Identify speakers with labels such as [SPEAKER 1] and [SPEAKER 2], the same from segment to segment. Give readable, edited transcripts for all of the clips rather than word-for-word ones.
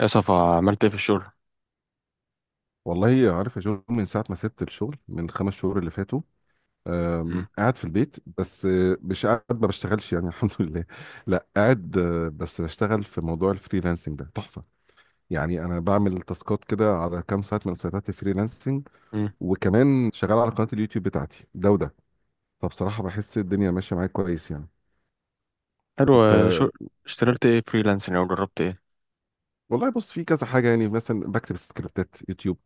[SPEAKER 1] يا صفا، عملت ايه في الشغل؟
[SPEAKER 2] والله عارف يا جو، من ساعة ما سبت الشغل من خمس شهور اللي فاتوا. آه،
[SPEAKER 1] مم.
[SPEAKER 2] قاعد في البيت. بس آه، مش قاعد ما بشتغلش يعني. الحمد لله. لا قاعد آه، بس بشتغل في موضوع الفريلانسنج ده، تحفة يعني. أنا بعمل تاسكات كده على كام سايت من سايتات الفريلانسنج،
[SPEAKER 1] مم.
[SPEAKER 2] وكمان شغال على قناة اليوتيوب بتاعتي، ده وده. فبصراحة بحس الدنيا ماشية معايا كويس يعني.
[SPEAKER 1] حلو
[SPEAKER 2] أنت،
[SPEAKER 1] آه، شو اشتغلت ايه فريلانسنج او جربت ايه؟
[SPEAKER 2] والله بص في كذا حاجة يعني. مثلا بكتب سكريبتات يوتيوب،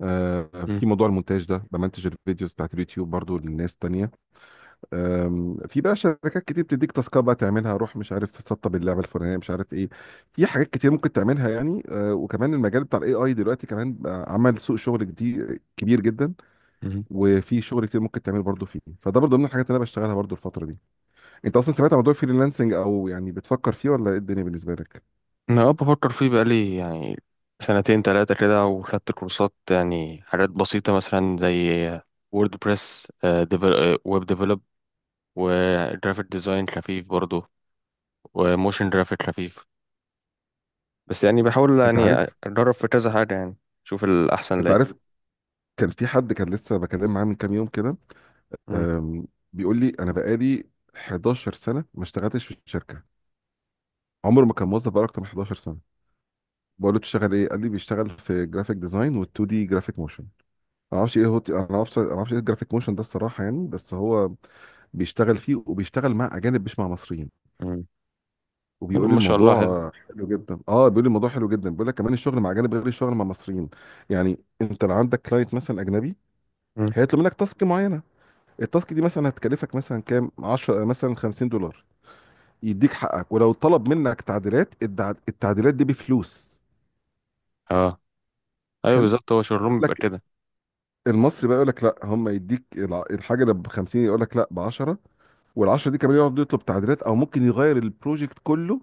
[SPEAKER 2] آه
[SPEAKER 1] مم.
[SPEAKER 2] في موضوع المونتاج ده، بمنتج الفيديوز بتاعت اليوتيوب برضو للناس تانية. في بقى شركات كتير بتديك تاسكات بقى تعملها، روح مش عارف سطب اللعبه الفلانيه، مش عارف ايه. في حاجات كتير ممكن تعملها يعني. وكمان المجال بتاع الاي اي دلوقتي كمان بقى عمل سوق شغل جديد كبير جدا.
[SPEAKER 1] مم.
[SPEAKER 2] وفي شغل كتير ممكن تعمل برضه فيه، فده برضه من الحاجات اللي انا بشتغلها برضه الفتره دي. انت اصلا سمعت عن موضوع الفريلانسنج، او يعني بتفكر فيه، ولا ايه الدنيا بالنسبه لك؟
[SPEAKER 1] انا بفكر فيه بقالي يعني سنتين تلاتة كده، وخدت كورسات يعني حاجات بسيطة مثلا زي ووردبريس، ويب ديفلوب، وجرافيك ديزاين خفيف برضه، وموشن جرافيك خفيف. بس يعني بحاول
[SPEAKER 2] انت
[SPEAKER 1] يعني
[SPEAKER 2] عارف
[SPEAKER 1] اتدرب في كذا حاجة يعني اشوف الاحسن
[SPEAKER 2] انت
[SPEAKER 1] ليا.
[SPEAKER 2] عارف كان في حد كان لسه بكلم معاه من كام يوم كده.
[SPEAKER 1] مم.
[SPEAKER 2] أم، بيقول لي انا بقالي 11 سنه ما اشتغلتش في الشركه. عمره ما كان موظف بقى اكتر من 11 سنه. بقول له بتشتغل ايه؟ قال لي بيشتغل في جرافيك ديزاين وال2 دي جرافيك موشن. انا معرفش، ايه الجرافيك موشن ده الصراحه يعني، بس هو بيشتغل فيه وبيشتغل مع اجانب مش مع مصريين.
[SPEAKER 1] مم. حلو
[SPEAKER 2] وبيقول لي
[SPEAKER 1] ما شاء الله، حلو.
[SPEAKER 2] الموضوع حلو جدا. اه، بيقول لي الموضوع حلو جدا، بيقول لك كمان الشغل مع اجانب غير الشغل مع مصريين. يعني انت لو عندك كلاينت مثلا اجنبي،
[SPEAKER 1] مم.
[SPEAKER 2] هيطلب منك تاسك معينه. التاسك دي مثلا هتكلفك مثلا كام، 10 مثلا، 50 دولار، يديك حقك. ولو طلب منك تعديلات، التعديلات دي بفلوس.
[SPEAKER 1] اه. ايوه بالظبط، هو شغلهم
[SPEAKER 2] حلو.
[SPEAKER 1] بيبقى كده.
[SPEAKER 2] المصري بقى يقول لك لا، الحاجه اللي ب 50 يقول لك لا ب 10. وال 10 دي كمان يقعد يطلب تعديلات، او ممكن يغير البروجكت كله.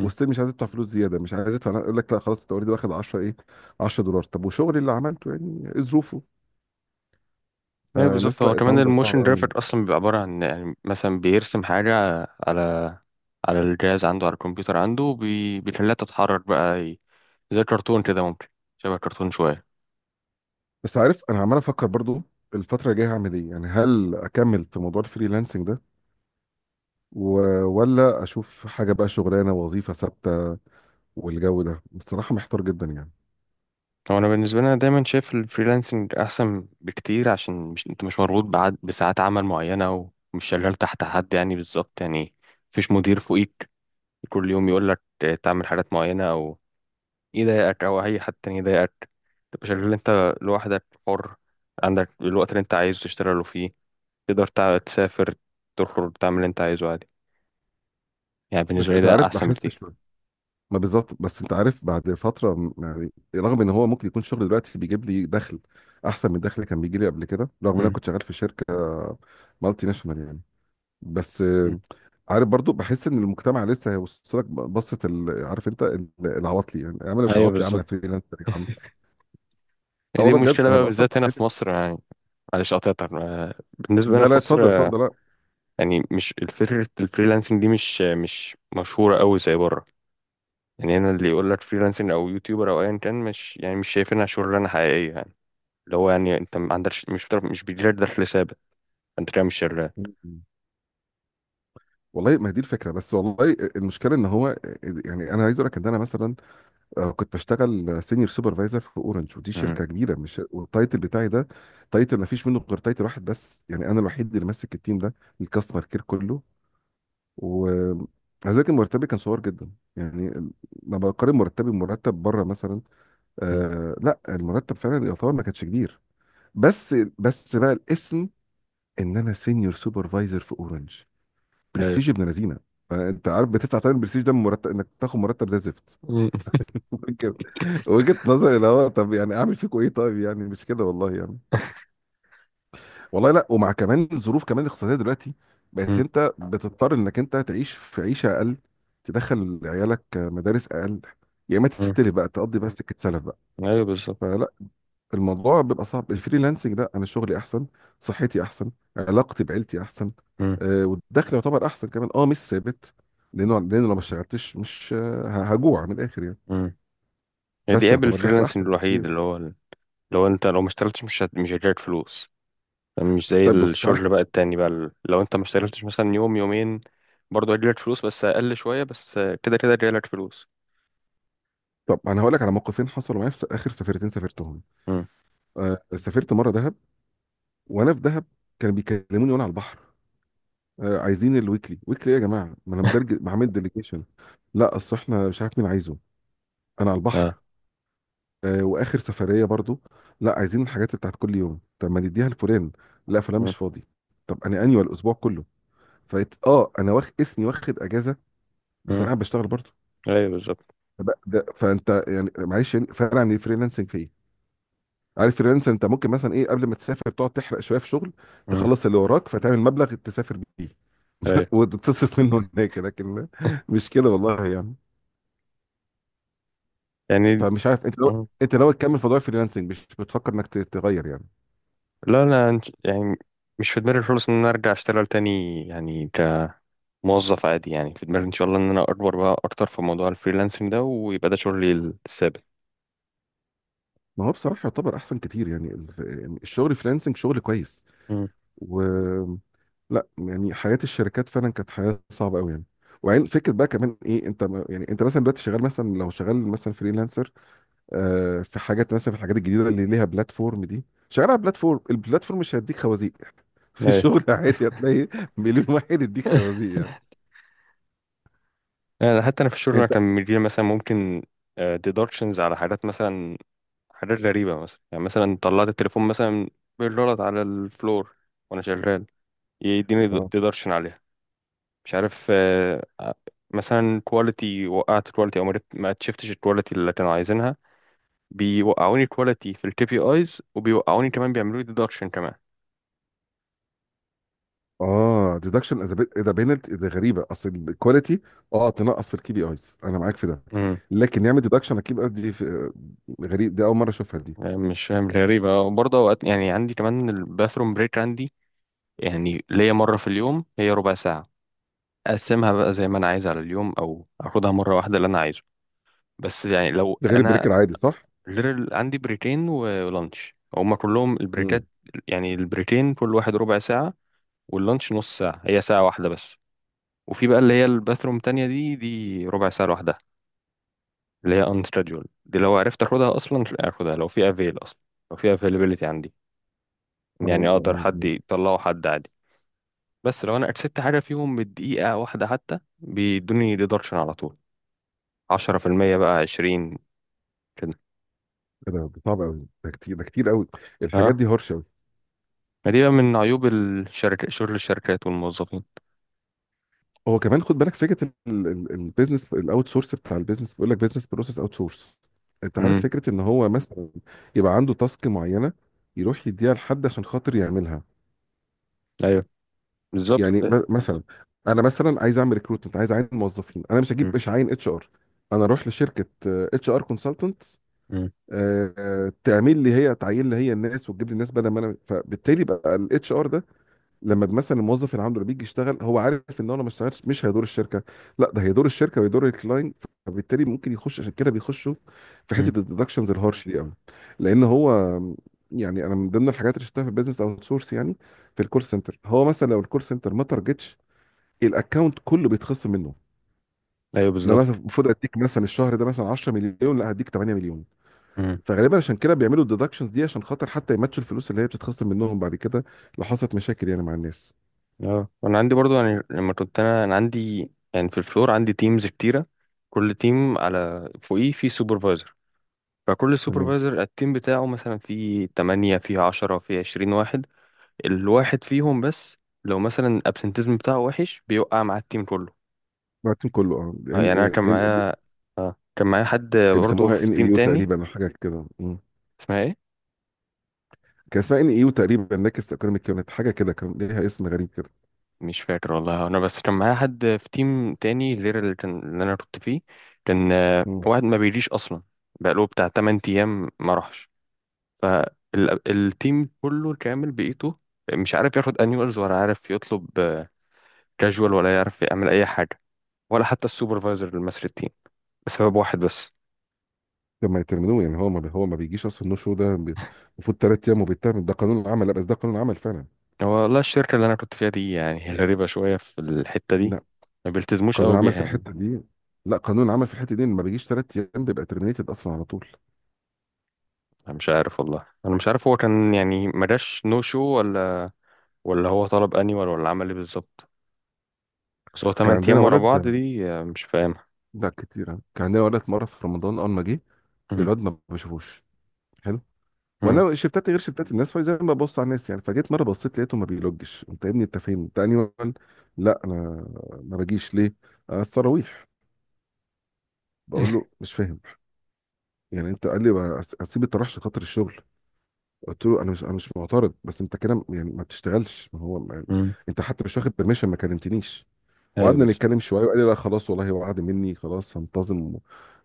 [SPEAKER 2] وستيل مش عايز يدفع فلوس زياده، مش عايز يدفع، يقول لك لا خلاص انت اوريدي واخد 10، ايه 10 دولار؟ طب وشغلي اللي عملته يعني، ايه ظروفه؟
[SPEAKER 1] ايوه بالظبط،
[SPEAKER 2] فالناس،
[SPEAKER 1] هو
[SPEAKER 2] لا
[SPEAKER 1] كمان
[SPEAKER 2] التعامل بقى صعب
[SPEAKER 1] الموشن
[SPEAKER 2] قوي.
[SPEAKER 1] جرافيك اصلا بيبقى عباره عن يعني مثلا بيرسم حاجه على على الجهاز عنده، على الكمبيوتر عنده، بيخليها تتحرك بقى زي الكرتون كده ممكن، شبه كرتون شويه.
[SPEAKER 2] بس عارف، انا عمال افكر برضو الفتره الجايه هعمل ايه يعني. هل اكمل في موضوع الفريلانسنج ده و... ولا اشوف حاجه بقى شغلانه وظيفه ثابته؟ والجو ده بصراحه محتار جدا يعني.
[SPEAKER 1] هو انا بالنسبه لي، انا دايما شايف الفريلانسنج احسن بكتير، عشان مش انت مش مربوط بعد بساعات عمل معينه، ومش شغال تحت حد يعني بالظبط يعني. مفيش مدير فوقيك كل يوم يقول لك تعمل حاجات معينه، يضايقك او اي حد تاني يضايقك. تبقى شغال انت لوحدك حر، عندك الوقت اللي انت عايزه تشتغله فيه، تقدر تسافر، تخرج، تعمل اللي انت عايزه عادي. يعني بالنسبة لي
[SPEAKER 2] انت
[SPEAKER 1] ده
[SPEAKER 2] عارف
[SPEAKER 1] احسن
[SPEAKER 2] بحس
[SPEAKER 1] بكتير.
[SPEAKER 2] شويه، ما بالظبط، بس انت عارف بعد فتره يعني، رغم ان هو ممكن يكون الشغل دلوقتي بيجيب لي دخل احسن من الدخل اللي كان بيجي لي قبل كده، رغم ان انا
[SPEAKER 1] مم.
[SPEAKER 2] كنت شغال في شركه مالتي ناشونال يعني، بس
[SPEAKER 1] مم.
[SPEAKER 2] عارف برضو بحس ان المجتمع لسه هيوصلك، عارف انت العواطلي يعني. يا عم انا مش
[SPEAKER 1] ايوه
[SPEAKER 2] عواطلي، يا عم انا
[SPEAKER 1] بالظبط،
[SPEAKER 2] فريلانسر، يا عم. اه
[SPEAKER 1] هي دي
[SPEAKER 2] والله بجد
[SPEAKER 1] المشكلة
[SPEAKER 2] انا
[SPEAKER 1] بقى
[SPEAKER 2] بقى اصلا
[SPEAKER 1] بالذات هنا
[SPEAKER 2] بحس.
[SPEAKER 1] في مصر يعني. معلش قطعتك آه، بالنسبة هنا
[SPEAKER 2] لا،
[SPEAKER 1] في مصر
[SPEAKER 2] اتفضل
[SPEAKER 1] آه،
[SPEAKER 2] اتفضل. لا
[SPEAKER 1] يعني مش الفكرة الفريلانسنج دي مش مشهورة قوي زي بره. يعني هنا اللي يقول لك فريلانسنج او يوتيوبر او ايا كان مش يعني مش شايفينها شغلانة حقيقية يعني. اللي هو يعني انت ما عندكش مش بتعرف مش بيجيلك دخل ثابت. انت كده مش شرير.
[SPEAKER 2] والله ما هي دي الفكره، بس والله المشكله ان هو يعني، انا عايز اقول لك ان انا مثلا كنت بشتغل سينيور سوبرفايزر في اورنج، ودي
[SPEAKER 1] مم.
[SPEAKER 2] شركه كبيره مش، والتايتل بتاعي ده تايتل ما فيش منه غير تايتل واحد بس يعني، انا الوحيد اللي ماسك التيم ده، الكاستمر كير كله. و كان مرتبي كان صغير جدا يعني. لما بقارن مرتبي بمرتب بره مثلا،
[SPEAKER 1] مم.
[SPEAKER 2] آه لا المرتب فعلا يعتبر ما كانش كبير. بس بس بقى الاسم، ان انا سينيور سوبرفايزر في اورنج،
[SPEAKER 1] ايوه.
[SPEAKER 2] برستيج ابن لذينه. فانت عارف بتدفع تاني البرستيج ده من مرتب، انك تاخد مرتب زي الزفت.
[SPEAKER 1] مم.
[SPEAKER 2] وجهة نظري اللي هو طب يعني اعمل فيكم ايه؟ طيب يعني مش كده والله يعني. والله لا، ومع كمان الظروف كمان الاقتصاديه دلوقتي، بقت
[SPEAKER 1] مم.
[SPEAKER 2] انت بتضطر انك انت تعيش في عيشه اقل، تدخل عيالك مدارس اقل، يا اما
[SPEAKER 1] مم.
[SPEAKER 2] تستلف بقى تقضي، بس سكه سلف بقى.
[SPEAKER 1] ايوه بالظبط.
[SPEAKER 2] فلا، الموضوع بيبقى صعب. الفريلانسنج لا، انا شغلي احسن، صحتي احسن، علاقتي بعيلتي احسن،
[SPEAKER 1] مم.
[SPEAKER 2] آه والدخل يعتبر احسن كمان. اه مش ثابت، لانه لو ما اشتغلتش مش هجوع من الاخر يعني،
[SPEAKER 1] مم. هي دي
[SPEAKER 2] بس
[SPEAKER 1] قابل
[SPEAKER 2] يعتبر دخل
[SPEAKER 1] الفريلانسنج
[SPEAKER 2] احسن
[SPEAKER 1] الوحيد
[SPEAKER 2] بكتير.
[SPEAKER 1] اللي هو انت لو ما اشتغلتش مش هتجيلك فلوس. مش زي
[SPEAKER 2] طيب بص تعالى،
[SPEAKER 1] الشغل بقى التاني بقى لو انت ما اشتغلتش مثلا يوم يومين برضه هيجيلك فلوس بس اقل شويه، بس كده كده هيجيلك فلوس.
[SPEAKER 2] طب انا هقول لك على موقفين حصلوا معايا في اخر سفرتين سافرتهم.
[SPEAKER 1] مم.
[SPEAKER 2] آه سافرت مره دهب، وانا في دهب كانوا بيكلموني وانا على البحر. آه عايزين الويكلي، ويكلي ايه يا جماعه؟ ما انا مدرج، ما عامل ديليجيشن. لا اصل احنا مش عارف مين عايزه. انا على
[SPEAKER 1] اه.
[SPEAKER 2] البحر. آه واخر سفريه برضو، لا عايزين الحاجات بتاعت كل يوم. طب ما نديها لفلان، لا فلان
[SPEAKER 1] مم.
[SPEAKER 2] مش فاضي. طب انا اني الاسبوع كله، فقلت اه انا واخد اسمي واخد اجازه، بس انا
[SPEAKER 1] مم.
[SPEAKER 2] قاعد بشتغل برضو.
[SPEAKER 1] ايوه بالظبط.
[SPEAKER 2] فانت يعني معلش يعني، فرق عن الفريلانسنج في ايه؟ عارف فريلانسر انت ممكن مثلا ايه قبل ما تسافر تقعد تحرق شويه في شغل،
[SPEAKER 1] مم.
[SPEAKER 2] تخلص اللي وراك، فتعمل مبلغ تسافر بيه
[SPEAKER 1] ايوه.
[SPEAKER 2] وتصرف منه هناك. لكن مش كده والله يعني.
[SPEAKER 1] يعني
[SPEAKER 2] فمش عارف انت لو، انت ناوي تكمل في موضوع الفريلانسنج، مش بتفكر انك تغير يعني؟
[SPEAKER 1] لا انا يعني مش في دماغي خالص ان انا ارجع اشتغل تاني يعني كموظف عادي. يعني في دماغي ان شاء الله ان انا اكبر بقى اكتر في موضوع الفريلانسنج ده ويبقى ده شغلي الثابت.
[SPEAKER 2] ما هو بصراحه يعتبر احسن كتير يعني. يعني الشغل فريلانسنج شغل كويس.
[SPEAKER 1] امم،
[SPEAKER 2] و لا يعني حياه الشركات فعلا كانت حياه صعبه قوي يعني. وعين فكره بقى كمان ايه، انت يعني انت مثلا دلوقتي شغال مثلا، لو شغال مثلا فريلانسر، في حاجات مثلا في الحاجات الجديده اللي ليها بلاتفورم دي، شغال على بلاتفورم، البلاتفورم مش هيديك خوازيق. في
[SPEAKER 1] ايوه.
[SPEAKER 2] الشغل عادي هتلاقي مليون واحد يديك خوازيق يعني.
[SPEAKER 1] يعني حتى انا في الشغل، انا
[SPEAKER 2] انت.
[SPEAKER 1] كان مديري مثلا ممكن ديدكشنز على حاجات مثلا حاجات غريبه مثلا يعني مثلا طلعت التليفون مثلا بالغلط على الفلور وانا شغال، يديني
[SPEAKER 2] اه
[SPEAKER 1] ديدكشن عليها. مش عارف مثلا كواليتي، وقعت كواليتي او ما شفتش الكواليتي اللي كانوا عايزينها، بيوقعوني كواليتي في الكي بي ايز وبيوقعوني كمان بيعملوا لي ديدكشن كمان.
[SPEAKER 2] اه ديدكشن از ايه ده؟ بينالتي ده غريبه. اصل الكواليتي اه تنقص في الكي بي ايز، انا معاك في ده،
[SPEAKER 1] امم.
[SPEAKER 2] لكن يعمل ديدكشن على الكي بي ايز دي غريب دي، اول مره اشوفها دي.
[SPEAKER 1] مش فاهم غريبة آه، وبرضه أوقات يعني عندي كمان الباثروم بريك عندي. يعني ليا مرة في اليوم، هي ربع ساعة، أقسمها بقى زي ما أنا عايز على اليوم أو أخدها مرة واحدة اللي أنا عايزه. بس يعني لو
[SPEAKER 2] ده غير البريك
[SPEAKER 1] أنا
[SPEAKER 2] العادي صح؟
[SPEAKER 1] literal عندي بريكين ولانش هما كلهم
[SPEAKER 2] امم.
[SPEAKER 1] البريكات. يعني البريكين كل واحد ربع ساعة، واللانش نص ساعة، هي ساعة واحدة بس. وفي بقى اللي هي الباثروم تانية دي ربع ساعة لوحدها، اللي هي ان scheduled دي لو عرفت اخدها اصلا اخدها لو في افيل اصلا لو في availability عندي.
[SPEAKER 2] اه
[SPEAKER 1] يعني اقدر
[SPEAKER 2] اه
[SPEAKER 1] حد
[SPEAKER 2] آه.
[SPEAKER 1] يطلعه حد عادي. بس لو انا ارسلت حاجه فيهم بالدقيقه واحده حتى بيدوني ديدكشن على طول 10%، بقى 20 كده.
[SPEAKER 2] ده ده صعب قوي، ده كتير، ده كتير قوي. الحاجات
[SPEAKER 1] ها.
[SPEAKER 2] دي هرشه.
[SPEAKER 1] ما دي بقى من عيوب الشركة، شغل الشركات والموظفين.
[SPEAKER 2] هو كمان خد بالك فكره البيزنس الاوت سورس، بتاع البيزنس بيقول لك بيزنس بروسيس اوت سورس، انت عارف
[SPEAKER 1] امم.
[SPEAKER 2] فكره ان هو مثلا يبقى عنده تاسك معينه، يروح يديها لحد عشان خاطر يعملها.
[SPEAKER 1] ايوه بالظبط.
[SPEAKER 2] يعني مثلا انا مثلا عايز اعمل ريكروتمنت، عايز اعين موظفين، انا مش
[SPEAKER 1] امم.
[SPEAKER 2] هجيب مش عين اتش ار، انا اروح لشركه اتش ار كونسلتنت،
[SPEAKER 1] امم.
[SPEAKER 2] تعمل لي هي، تعين لي هي الناس، وتجيب لي الناس بدل ما انا. فبالتالي بقى الاتش ار لما مثلا الموظف اللي عنده اللي بيجي يشتغل، هو عارف ان هو لو ما اشتغلش مش هيدور الشركه، لا ده هيدور الشركه ويدور الكلاينت. فبالتالي ممكن يخش عشان كده، بيخشوا في
[SPEAKER 1] أمم.
[SPEAKER 2] حته الديدكشنز الهارش دي قوي. لان هو يعني انا من ضمن الحاجات اللي شفتها في البيزنس اوت سورس يعني، في الكول سنتر هو مثلا لو الكول سنتر ما تارجتش، الاكونت كله بيتخصم منه.
[SPEAKER 1] ايوه
[SPEAKER 2] ان انا
[SPEAKER 1] بالظبط.
[SPEAKER 2] مثلا المفروض اديك مثلا الشهر ده مثلا 10 مليون، لا هديك 8 مليون.
[SPEAKER 1] امم.
[SPEAKER 2] فغالبا عشان كده بيعملوا الديدكشنز دي عشان خاطر حتى يماتشوا الفلوس اللي هي بتتخصم منهم بعد كده، لو حصلت مشاكل يعني مع الناس.
[SPEAKER 1] اه انا عندي برضو يعني لما كنت انا عندي يعني في الفلور، عندي تيمز كتيره، كل تيم على فوقيه في سوبرفايزر. فكل
[SPEAKER 2] تمام.
[SPEAKER 1] سوبرفايزر التيم بتاعه مثلا فيه 8، فيه 10، فيه 20 واحد. الواحد فيهم بس لو مثلا الابسنتيزم بتاعه وحش، بيوقع مع التيم كله.
[SPEAKER 2] مارتن كله. اه،
[SPEAKER 1] يعني انا
[SPEAKER 2] ان
[SPEAKER 1] كان
[SPEAKER 2] ان
[SPEAKER 1] معايا كان معايا حد برضه
[SPEAKER 2] بيسموها
[SPEAKER 1] في
[SPEAKER 2] ان
[SPEAKER 1] تيم
[SPEAKER 2] ايو
[SPEAKER 1] تاني.
[SPEAKER 2] تقريبا او حاجه كده. مم.
[SPEAKER 1] اسمها ايه؟
[SPEAKER 2] كان اسمها ان ايو تقريبا، نكست ايكونوميك يونت حاجه كده، كان ليها اسم غريب كده.
[SPEAKER 1] مش فاكر والله، انا بس كان معايا حد في تيم تاني غير اللي انا كنت فيه. كان
[SPEAKER 2] مم.
[SPEAKER 1] واحد ما بيجيش اصلا بقاله بتاع 8 ايام ما راحش. فالتيم كله كامل بقيته مش عارف ياخد انيوالز، ولا عارف يطلب كاجوال، ولا يعرف يعمل اي حاجه، ولا حتى السوبرفايزر المصري التيم، بسبب واحد بس.
[SPEAKER 2] لما يترمنوه يعني، هو ما بي- هو ما بيجيش اصلا النو شو ده المفروض ثلاث ايام وبيترمن، ده قانون العمل. لا بس ده قانون العمل فعلا.
[SPEAKER 1] هو والله الشركه اللي انا كنت فيها دي يعني هي غريبه شويه في الحته دي،
[SPEAKER 2] لا
[SPEAKER 1] ما بيلتزموش
[SPEAKER 2] قانون
[SPEAKER 1] قوي
[SPEAKER 2] العمل
[SPEAKER 1] بيها
[SPEAKER 2] في
[SPEAKER 1] يعني.
[SPEAKER 2] الحته دي، لا قانون العمل في الحته دي إن ما بيجيش ثلاث ايام بيبقى ترمينيتد اصلا على طول.
[SPEAKER 1] انا مش عارف والله، انا مش عارف هو كان يعني ما جاش نو شو، ولا هو طلب انيوال، ولا عمل ايه بالظبط. بس هو
[SPEAKER 2] كان
[SPEAKER 1] 8
[SPEAKER 2] عندنا
[SPEAKER 1] ايام ورا
[SPEAKER 2] ولد،
[SPEAKER 1] بعض دي مش فاهمها.
[SPEAKER 2] لا كتير آه. كان عندنا ولد مره في رمضان اول ما جه،
[SPEAKER 1] مم.
[SPEAKER 2] الواد ما بشوفوش. حلو.
[SPEAKER 1] مم.
[SPEAKER 2] وانا شفتات غير شفتات الناس، فزي ما ببص على الناس يعني، فجيت مره بصيت لقيته، ما بيلوجش. انت يا ابني، انت فين؟ انت انهي وان؟ لا انا ما باجيش ليه التراويح. بقول له مش فاهم يعني انت. قال لي بقى اسيب التراويح عشان خاطر الشغل؟ قلت له انا مش، انا مش معترض، بس انت كده يعني ما بتشتغلش. ما هو ما يعني،
[SPEAKER 1] مم.
[SPEAKER 2] انت حتى مش واخد برميشن، ما كلمتنيش.
[SPEAKER 1] ايوه
[SPEAKER 2] وقعدنا
[SPEAKER 1] بس.
[SPEAKER 2] نتكلم شويه، وقال لي لا خلاص والله هو، وعد مني خلاص هنتظم.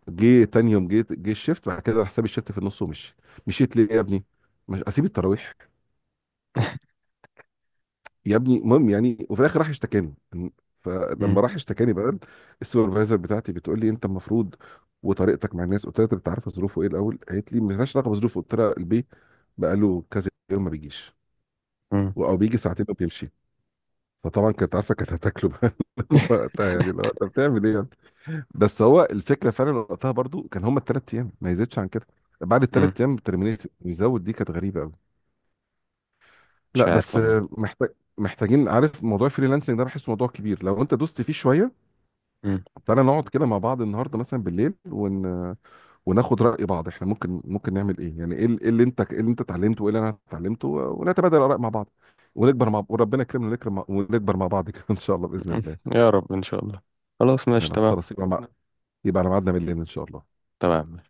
[SPEAKER 2] جه تاني يوم جه الشيفت، بعد كده راح ساب الشيفت في النص ومشي. مشيت ليه يا ابني؟ مش اسيب التراويح يا ابني. المهم يعني، وفي الاخر راح اشتكاني.
[SPEAKER 1] مم.
[SPEAKER 2] فلما راح اشتكاني بقى السوبرفايزر بتاعتي بتقول لي انت المفروض وطريقتك مع الناس. قلت لها طب انت عارفه ظروفه ايه الاول؟ قالت لي ملهاش علاقه بظروفه. قلت لها البيه بقى له كذا يوم ما بيجيش،
[SPEAKER 1] مم.
[SPEAKER 2] او بيجي ساعتين وبيمشي. فطبعا كانت عارفه، كانت هتاكله بقى وقتها يعني لا، انت بتعمل ايه يعني. بس هو الفكره فعلا وقتها برضو كان هما الثلاث ايام ما يزيدش عن كده، بعد الثلاث
[SPEAKER 1] مم.
[SPEAKER 2] ايام ترمينيت ويزود، دي كانت غريبه قوي.
[SPEAKER 1] مش
[SPEAKER 2] لا
[SPEAKER 1] عارف
[SPEAKER 2] بس
[SPEAKER 1] والله.
[SPEAKER 2] محتاج محتاجين عارف، موضوع الفريلانسنج ده بحس موضوع كبير لو انت دوست فيه شويه.
[SPEAKER 1] مم.
[SPEAKER 2] تعالى نقعد كده مع بعض النهارده مثلا بالليل وناخد راي بعض، احنا ممكن نعمل ايه يعني. ايه إيه اللي انت، ايه اللي انت اتعلمته وايه اللي انا اتعلمته، ونتبادل الاراء مع بعض، ونكبر مع، وربنا يكرمنا ونكرم ونكبر مع بعض كده. ان شاء الله باذن الله.
[SPEAKER 1] يا رب ان شاء الله. خلاص ماشي
[SPEAKER 2] يلا
[SPEAKER 1] تمام.
[SPEAKER 2] خلاص يبقى يبقى على ميعادنا بالليل ان شاء الله.
[SPEAKER 1] تمام.